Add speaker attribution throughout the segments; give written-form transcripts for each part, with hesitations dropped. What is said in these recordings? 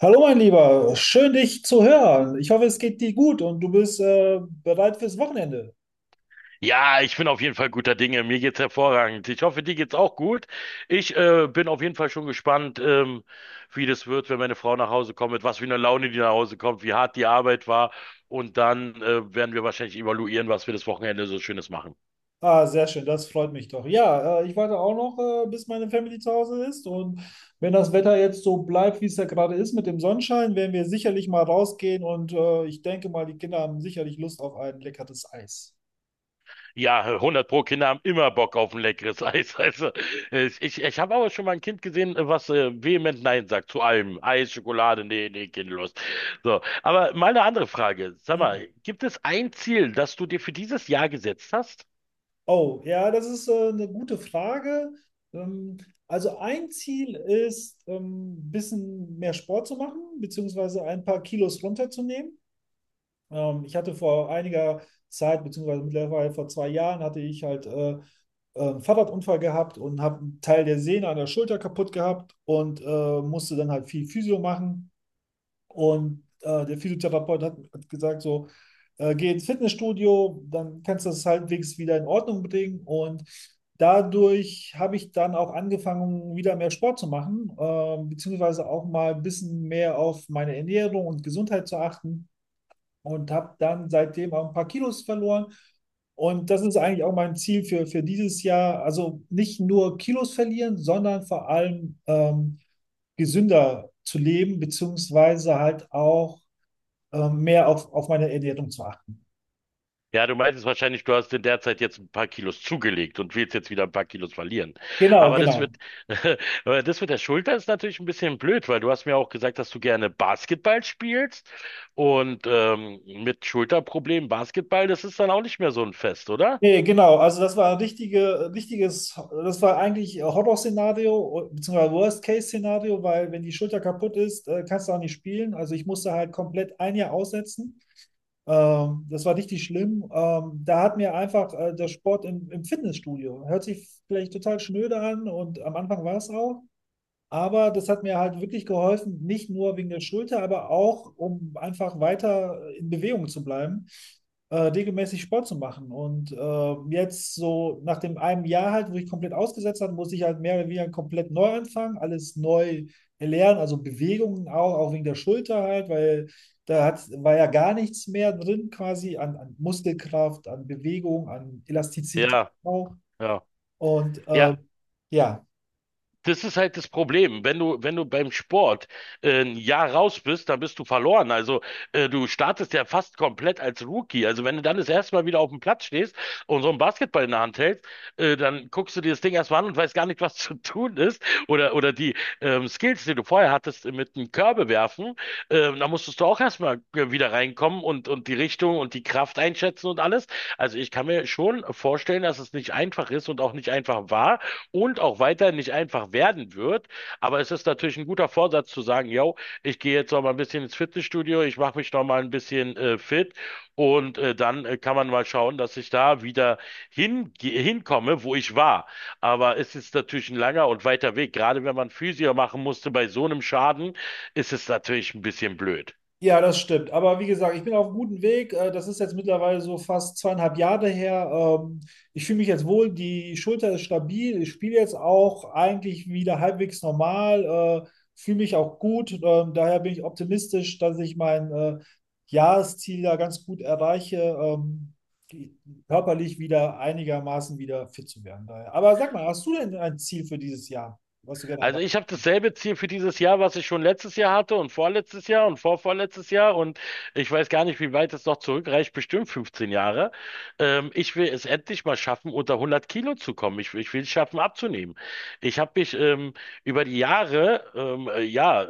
Speaker 1: Hallo mein Lieber, schön dich zu hören. Ich hoffe, es geht dir gut und du bist bereit fürs Wochenende.
Speaker 2: Ja, ich bin auf jeden Fall guter Dinge. Mir geht's hervorragend. Ich hoffe, dir geht's auch gut. Ich bin auf jeden Fall schon gespannt, wie das wird, wenn meine Frau nach Hause kommt, mit was für einer Laune die nach Hause kommt, wie hart die Arbeit war. Und dann werden wir wahrscheinlich evaluieren, was wir das Wochenende so Schönes machen.
Speaker 1: Ah, sehr schön, das freut mich doch. Ja, ich warte auch noch, bis meine Family zu Hause ist und wenn das Wetter jetzt so bleibt, wie es ja gerade ist mit dem Sonnenschein, werden wir sicherlich mal rausgehen und ich denke mal, die Kinder haben sicherlich Lust auf ein leckeres Eis.
Speaker 2: Ja, hundert pro, Kinder haben immer Bock auf ein leckeres Eis. Also, ich habe aber schon mal ein Kind gesehen, was vehement Nein sagt zu allem. Eis, Schokolade, nee, nee, Kind, los. So, aber mal eine andere Frage. Sag
Speaker 1: Ja.
Speaker 2: mal, gibt es ein Ziel, das du dir für dieses Jahr gesetzt hast?
Speaker 1: Oh, ja, das ist eine gute Frage. Ähm, also ein Ziel ist, ein bisschen mehr Sport zu machen, beziehungsweise ein paar Kilos runterzunehmen. Ich hatte vor einiger Zeit, beziehungsweise mittlerweile vor zwei Jahren, hatte ich halt einen Fahrradunfall gehabt und habe einen Teil der Sehne an der Schulter kaputt gehabt und musste dann halt viel Physio machen. Und der Physiotherapeut hat gesagt so, geh ins Fitnessstudio, dann kannst du das halbwegs wieder in Ordnung bringen. Und dadurch habe ich dann auch angefangen, wieder mehr Sport zu machen, beziehungsweise auch mal ein bisschen mehr auf meine Ernährung und Gesundheit zu achten und habe dann seitdem auch ein paar Kilos verloren. Und das ist eigentlich auch mein Ziel für dieses Jahr. Also nicht nur Kilos verlieren, sondern vor allem gesünder zu leben, beziehungsweise halt auch mehr auf meine Ernährung zu achten.
Speaker 2: Ja, du meintest wahrscheinlich, du hast in der Zeit jetzt ein paar Kilos zugelegt und willst jetzt wieder ein paar Kilos verlieren.
Speaker 1: Genau,
Speaker 2: Aber das
Speaker 1: genau.
Speaker 2: wird, aber das mit der Schulter ist natürlich ein bisschen blöd, weil du hast mir auch gesagt, dass du gerne Basketball spielst und mit Schulterproblemen Basketball, das ist dann auch nicht mehr so ein Fest, oder?
Speaker 1: Nee, genau. Also das war das war eigentlich Horror-Szenario, beziehungsweise Worst-Case-Szenario, weil wenn die Schulter kaputt ist, kannst du auch nicht spielen. Also ich musste halt komplett ein Jahr aussetzen. Das war richtig schlimm. Da hat mir einfach der Sport im Fitnessstudio, hört sich vielleicht total schnöde an und am Anfang war es auch, aber das hat mir halt wirklich geholfen, nicht nur wegen der Schulter, aber auch, um einfach weiter in Bewegung zu bleiben, regelmäßig Sport zu machen. Und jetzt so nach dem einem Jahr halt, wo ich komplett ausgesetzt habe, muss ich halt mehr oder weniger komplett neu anfangen, alles neu erlernen, also Bewegungen auch, auch wegen der Schulter halt, weil war ja gar nichts mehr drin quasi an Muskelkraft, an Bewegung, an Elastizität
Speaker 2: Ja,
Speaker 1: auch.
Speaker 2: ja.
Speaker 1: Und
Speaker 2: Ja,
Speaker 1: ja,
Speaker 2: das ist halt das Problem. Wenn du beim Sport ein Jahr raus bist, dann bist du verloren. Also du startest ja fast komplett als Rookie. Also wenn du dann das erste Mal wieder auf dem Platz stehst und so einen Basketball in der Hand hältst, dann guckst du dir das Ding erstmal an und weißt gar nicht, was zu tun ist. Oder die Skills, die du vorher hattest, mit dem Körbe werfen, da musstest du auch erstmal wieder reinkommen und die Richtung und die Kraft einschätzen und alles. Also ich kann mir schon vorstellen, dass es nicht einfach ist und auch nicht einfach war und auch weiter nicht einfach werden wird. Aber es ist natürlich ein guter Vorsatz zu sagen, yo, ich gehe jetzt noch mal ein bisschen ins Fitnessstudio, ich mache mich noch mal ein bisschen fit und dann kann man mal schauen, dass ich da wieder hinkomme, wo ich war. Aber es ist natürlich ein langer und weiter Weg. Gerade wenn man Physio machen musste bei so einem Schaden, ist es natürlich ein bisschen blöd.
Speaker 1: Ja, das stimmt. Aber wie gesagt, ich bin auf einem guten Weg. Das ist jetzt mittlerweile so fast zweieinhalb Jahre her. Ich fühle mich jetzt wohl, die Schulter ist stabil. Ich spiele jetzt auch eigentlich wieder halbwegs normal, äh, fühle mich auch gut. Daher bin ich optimistisch, dass ich mein Jahresziel da ganz gut erreiche, ähm, die- körperlich wieder einigermaßen wieder fit zu werden. Daher. Aber sag mal, hast du denn ein Ziel für dieses Jahr, was du gerne
Speaker 2: Also ich habe dasselbe Ziel für dieses Jahr, was ich schon letztes Jahr hatte und vorletztes Jahr und vorvorletztes Jahr und ich weiß gar nicht, wie weit es noch zurückreicht, bestimmt 15 Jahre. Ich will es endlich mal schaffen, unter 100 Kilo zu kommen. Ich will es schaffen, abzunehmen. Ich habe mich über die Jahre, ja,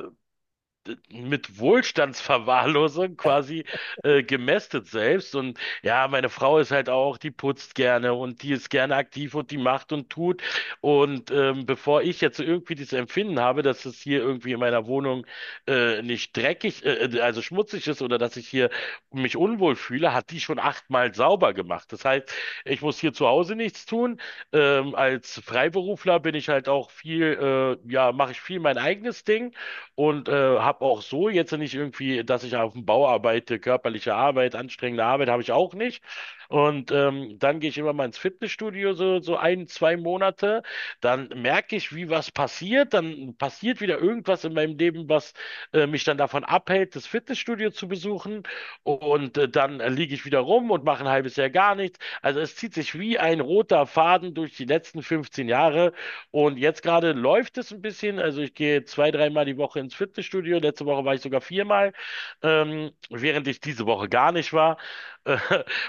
Speaker 2: mit Wohlstandsverwahrlosung quasi gemästet selbst. Und ja, meine Frau ist halt auch, die putzt gerne und die ist gerne aktiv und die macht und tut. Und bevor ich jetzt irgendwie dieses Empfinden habe, dass es hier irgendwie in meiner Wohnung nicht dreckig, also schmutzig ist oder dass ich hier mich unwohl fühle, hat die schon achtmal sauber gemacht. Das heißt, ich muss hier zu Hause nichts tun. Als Freiberufler bin ich halt auch viel, ja, mache ich viel mein eigenes Ding und habe auch so jetzt nicht irgendwie, dass ich auf dem Bau arbeite, körperliche Arbeit, anstrengende Arbeit habe ich auch nicht. Und dann gehe ich immer mal ins Fitnessstudio, so ein, zwei Monate. Dann merke ich, wie was passiert. Dann passiert wieder irgendwas in meinem Leben, was mich dann davon abhält, das Fitnessstudio zu besuchen. Und dann liege ich wieder rum und mache ein halbes Jahr gar nichts. Also es zieht sich wie ein roter Faden durch die letzten 15 Jahre. Und jetzt gerade läuft es ein bisschen. Also ich gehe zwei, dreimal die Woche ins Fitnessstudio. Letzte Woche war ich sogar viermal, während ich diese Woche gar nicht war. Äh,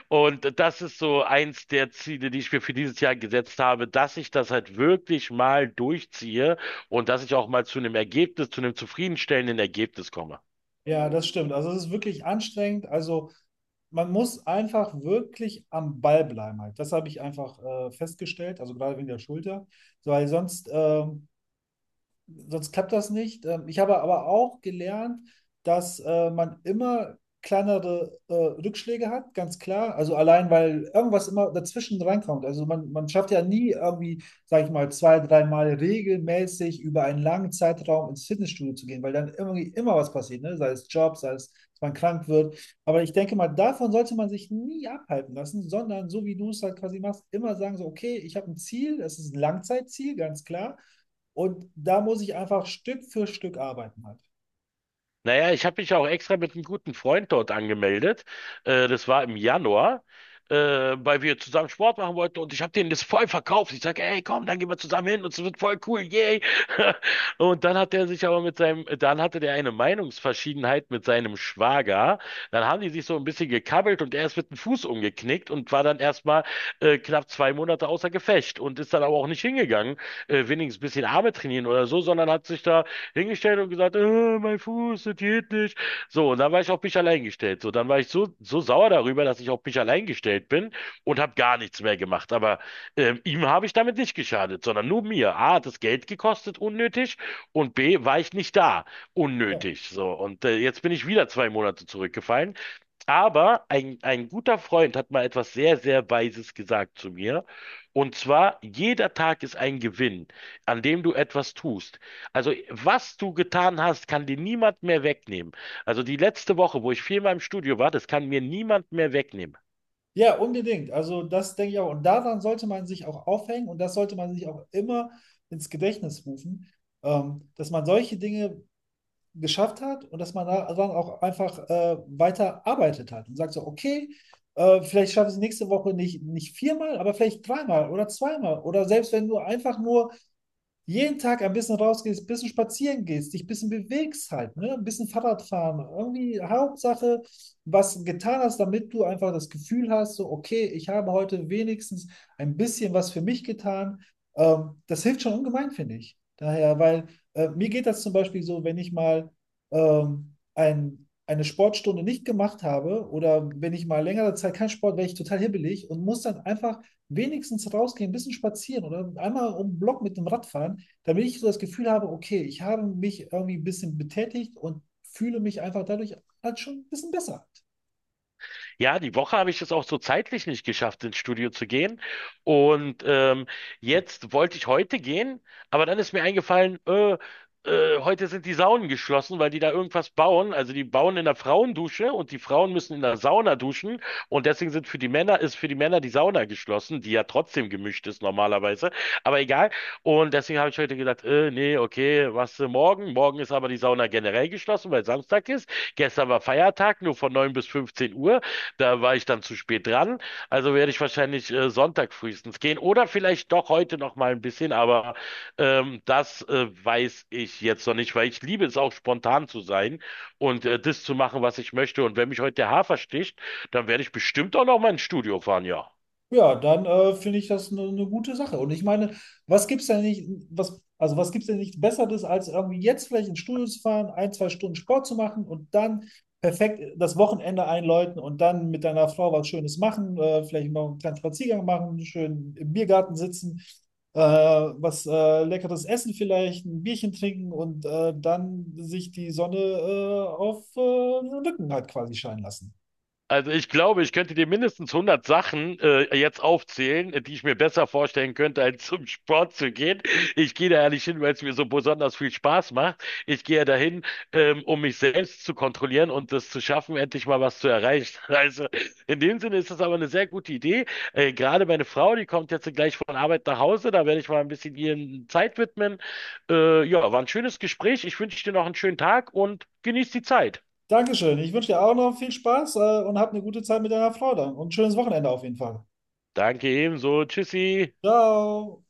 Speaker 2: Und das ist so eins der Ziele, die ich mir für dieses Jahr gesetzt habe, dass ich das halt wirklich mal durchziehe und dass ich auch mal zu einem Ergebnis, zu einem zufriedenstellenden Ergebnis komme.
Speaker 1: Ja, das stimmt. Also es ist wirklich anstrengend. Also man muss einfach wirklich am Ball bleiben halt. Das habe ich einfach festgestellt, also gerade wegen der Schulter, so, weil sonst sonst klappt das nicht. Ich habe aber auch gelernt, dass man immer kleinere Rückschläge hat, ganz klar. Also allein, weil irgendwas immer dazwischen reinkommt. Also man schafft ja nie irgendwie, sage ich mal, zwei, dreimal regelmäßig über einen langen Zeitraum ins Fitnessstudio zu gehen, weil dann irgendwie immer was passiert, ne? Sei es Job, sei es, dass man krank wird. Aber ich denke mal, davon sollte man sich nie abhalten lassen, sondern so wie du es halt quasi machst, immer sagen so, okay, ich habe ein Ziel, es ist ein Langzeitziel, ganz klar. Und da muss ich einfach Stück für Stück arbeiten halt.
Speaker 2: Naja, ich habe mich auch extra mit einem guten Freund dort angemeldet. Das war im Januar, weil wir zusammen Sport machen wollten und ich habe denen das voll verkauft. Ich sage, ey, komm, dann gehen wir zusammen hin und es wird voll cool, yay. Und dann hat er sich aber mit seinem, dann hatte der eine Meinungsverschiedenheit mit seinem Schwager. Dann haben die sich so ein bisschen gekabbelt und er ist mit dem Fuß umgeknickt und war dann erstmal knapp 2 Monate außer Gefecht und ist dann aber auch nicht hingegangen, wenigstens ein bisschen Arme trainieren oder so, sondern hat sich da hingestellt und gesagt, mein Fuß, das geht nicht. So, und dann war ich auf mich allein gestellt. So, dann war ich so sauer darüber, dass ich auf mich allein gestellt bin und habe gar nichts mehr gemacht. Aber ihm habe ich damit nicht geschadet, sondern nur mir. A, hat das Geld gekostet, unnötig. Und B, war ich nicht da,
Speaker 1: Ja,
Speaker 2: unnötig. So, und jetzt bin ich wieder 2 Monate zurückgefallen. Aber ein guter Freund hat mal etwas sehr, sehr Weises gesagt zu mir. Und zwar, jeder Tag ist ein Gewinn, an dem du etwas tust. Also, was du getan hast, kann dir niemand mehr wegnehmen. Also, die letzte Woche, wo ich viermal im Studio war, das kann mir niemand mehr wegnehmen.
Speaker 1: ja unbedingt. Also das denke ich auch. Und daran sollte man sich auch aufhängen und das sollte man sich auch immer ins Gedächtnis rufen, dass man solche Dinge geschafft hat und dass man daran auch einfach weiter arbeitet hat und sagt so, okay, vielleicht schaffe ich es nächste Woche nicht, nicht viermal, aber vielleicht dreimal oder zweimal. Oder selbst wenn nur einfach nur jeden Tag ein bisschen rausgehst, ein bisschen spazieren gehst, dich ein bisschen bewegst halt, ne? Ein bisschen Fahrrad fahren. Irgendwie Hauptsache, was getan hast, damit du einfach das Gefühl hast, so, okay, ich habe heute wenigstens ein bisschen was für mich getan. Das hilft schon ungemein, finde ich. Daher, weil mir geht das zum Beispiel so, wenn ich mal eine Sportstunde nicht gemacht habe oder wenn ich mal längere Zeit keinen Sport, werde ich total hibbelig und muss dann einfach wenigstens rausgehen, ein bisschen spazieren oder einmal um den Block mit dem Rad fahren damit ich so das Gefühl habe, okay, ich habe mich irgendwie ein bisschen betätigt und fühle mich einfach dadurch halt schon ein bisschen besser.
Speaker 2: Ja, die Woche habe ich es auch so zeitlich nicht geschafft, ins Studio zu gehen. Und jetzt wollte ich heute gehen, aber dann ist mir eingefallen, heute sind die Saunen geschlossen, weil die da irgendwas bauen. Also die bauen in der Frauendusche und die Frauen müssen in der Sauna duschen. Und deswegen sind für die Männer, ist für die Männer die Sauna geschlossen, die ja trotzdem gemischt ist normalerweise. Aber egal. Und deswegen habe ich heute gedacht, nee, okay, was morgen? Morgen ist aber die Sauna generell geschlossen, weil Samstag ist. Gestern war Feiertag, nur von 9 bis 15 Uhr. Da war ich dann zu spät dran. Also werde ich wahrscheinlich Sonntag frühestens gehen oder vielleicht doch heute noch mal ein bisschen, aber das weiß ich jetzt noch nicht, weil ich liebe es auch spontan zu sein und das zu machen, was ich möchte. Und wenn mich heute der Hafer sticht, dann werde ich bestimmt auch noch mal ins Studio fahren, ja.
Speaker 1: Ja, dann finde ich das eine gute Sache. Und ich meine, was gibt's denn nicht, was, also was gibt's denn nicht Besseres, als irgendwie jetzt vielleicht ins Studio zu fahren, ein, zwei Stunden Sport zu machen und dann perfekt das Wochenende einläuten und dann mit deiner Frau was Schönes machen, vielleicht noch einen kleinen Spaziergang machen, schön im Biergarten sitzen, was leckeres essen vielleicht, ein Bierchen trinken und dann sich die Sonne auf den Rücken halt quasi scheinen lassen.
Speaker 2: Also ich glaube, ich könnte dir mindestens 100 Sachen jetzt aufzählen, die ich mir besser vorstellen könnte, als zum Sport zu gehen. Ich gehe da ja nicht hin, weil es mir so besonders viel Spaß macht. Ich gehe ja dahin, um mich selbst zu kontrollieren und das zu schaffen, endlich mal was zu erreichen. Also in dem Sinne ist das aber eine sehr gute Idee. Gerade meine Frau, die kommt jetzt gleich von Arbeit nach Hause, da werde ich mal ein bisschen ihren Zeit widmen. Ja, war ein schönes Gespräch. Ich wünsche dir noch einen schönen Tag und genieß die Zeit.
Speaker 1: Dankeschön. Ich wünsche dir auch noch viel Spaß, und hab eine gute Zeit mit deiner Frau dann und ein schönes Wochenende auf jeden Fall.
Speaker 2: Danke ebenso. Tschüssi.
Speaker 1: Ciao.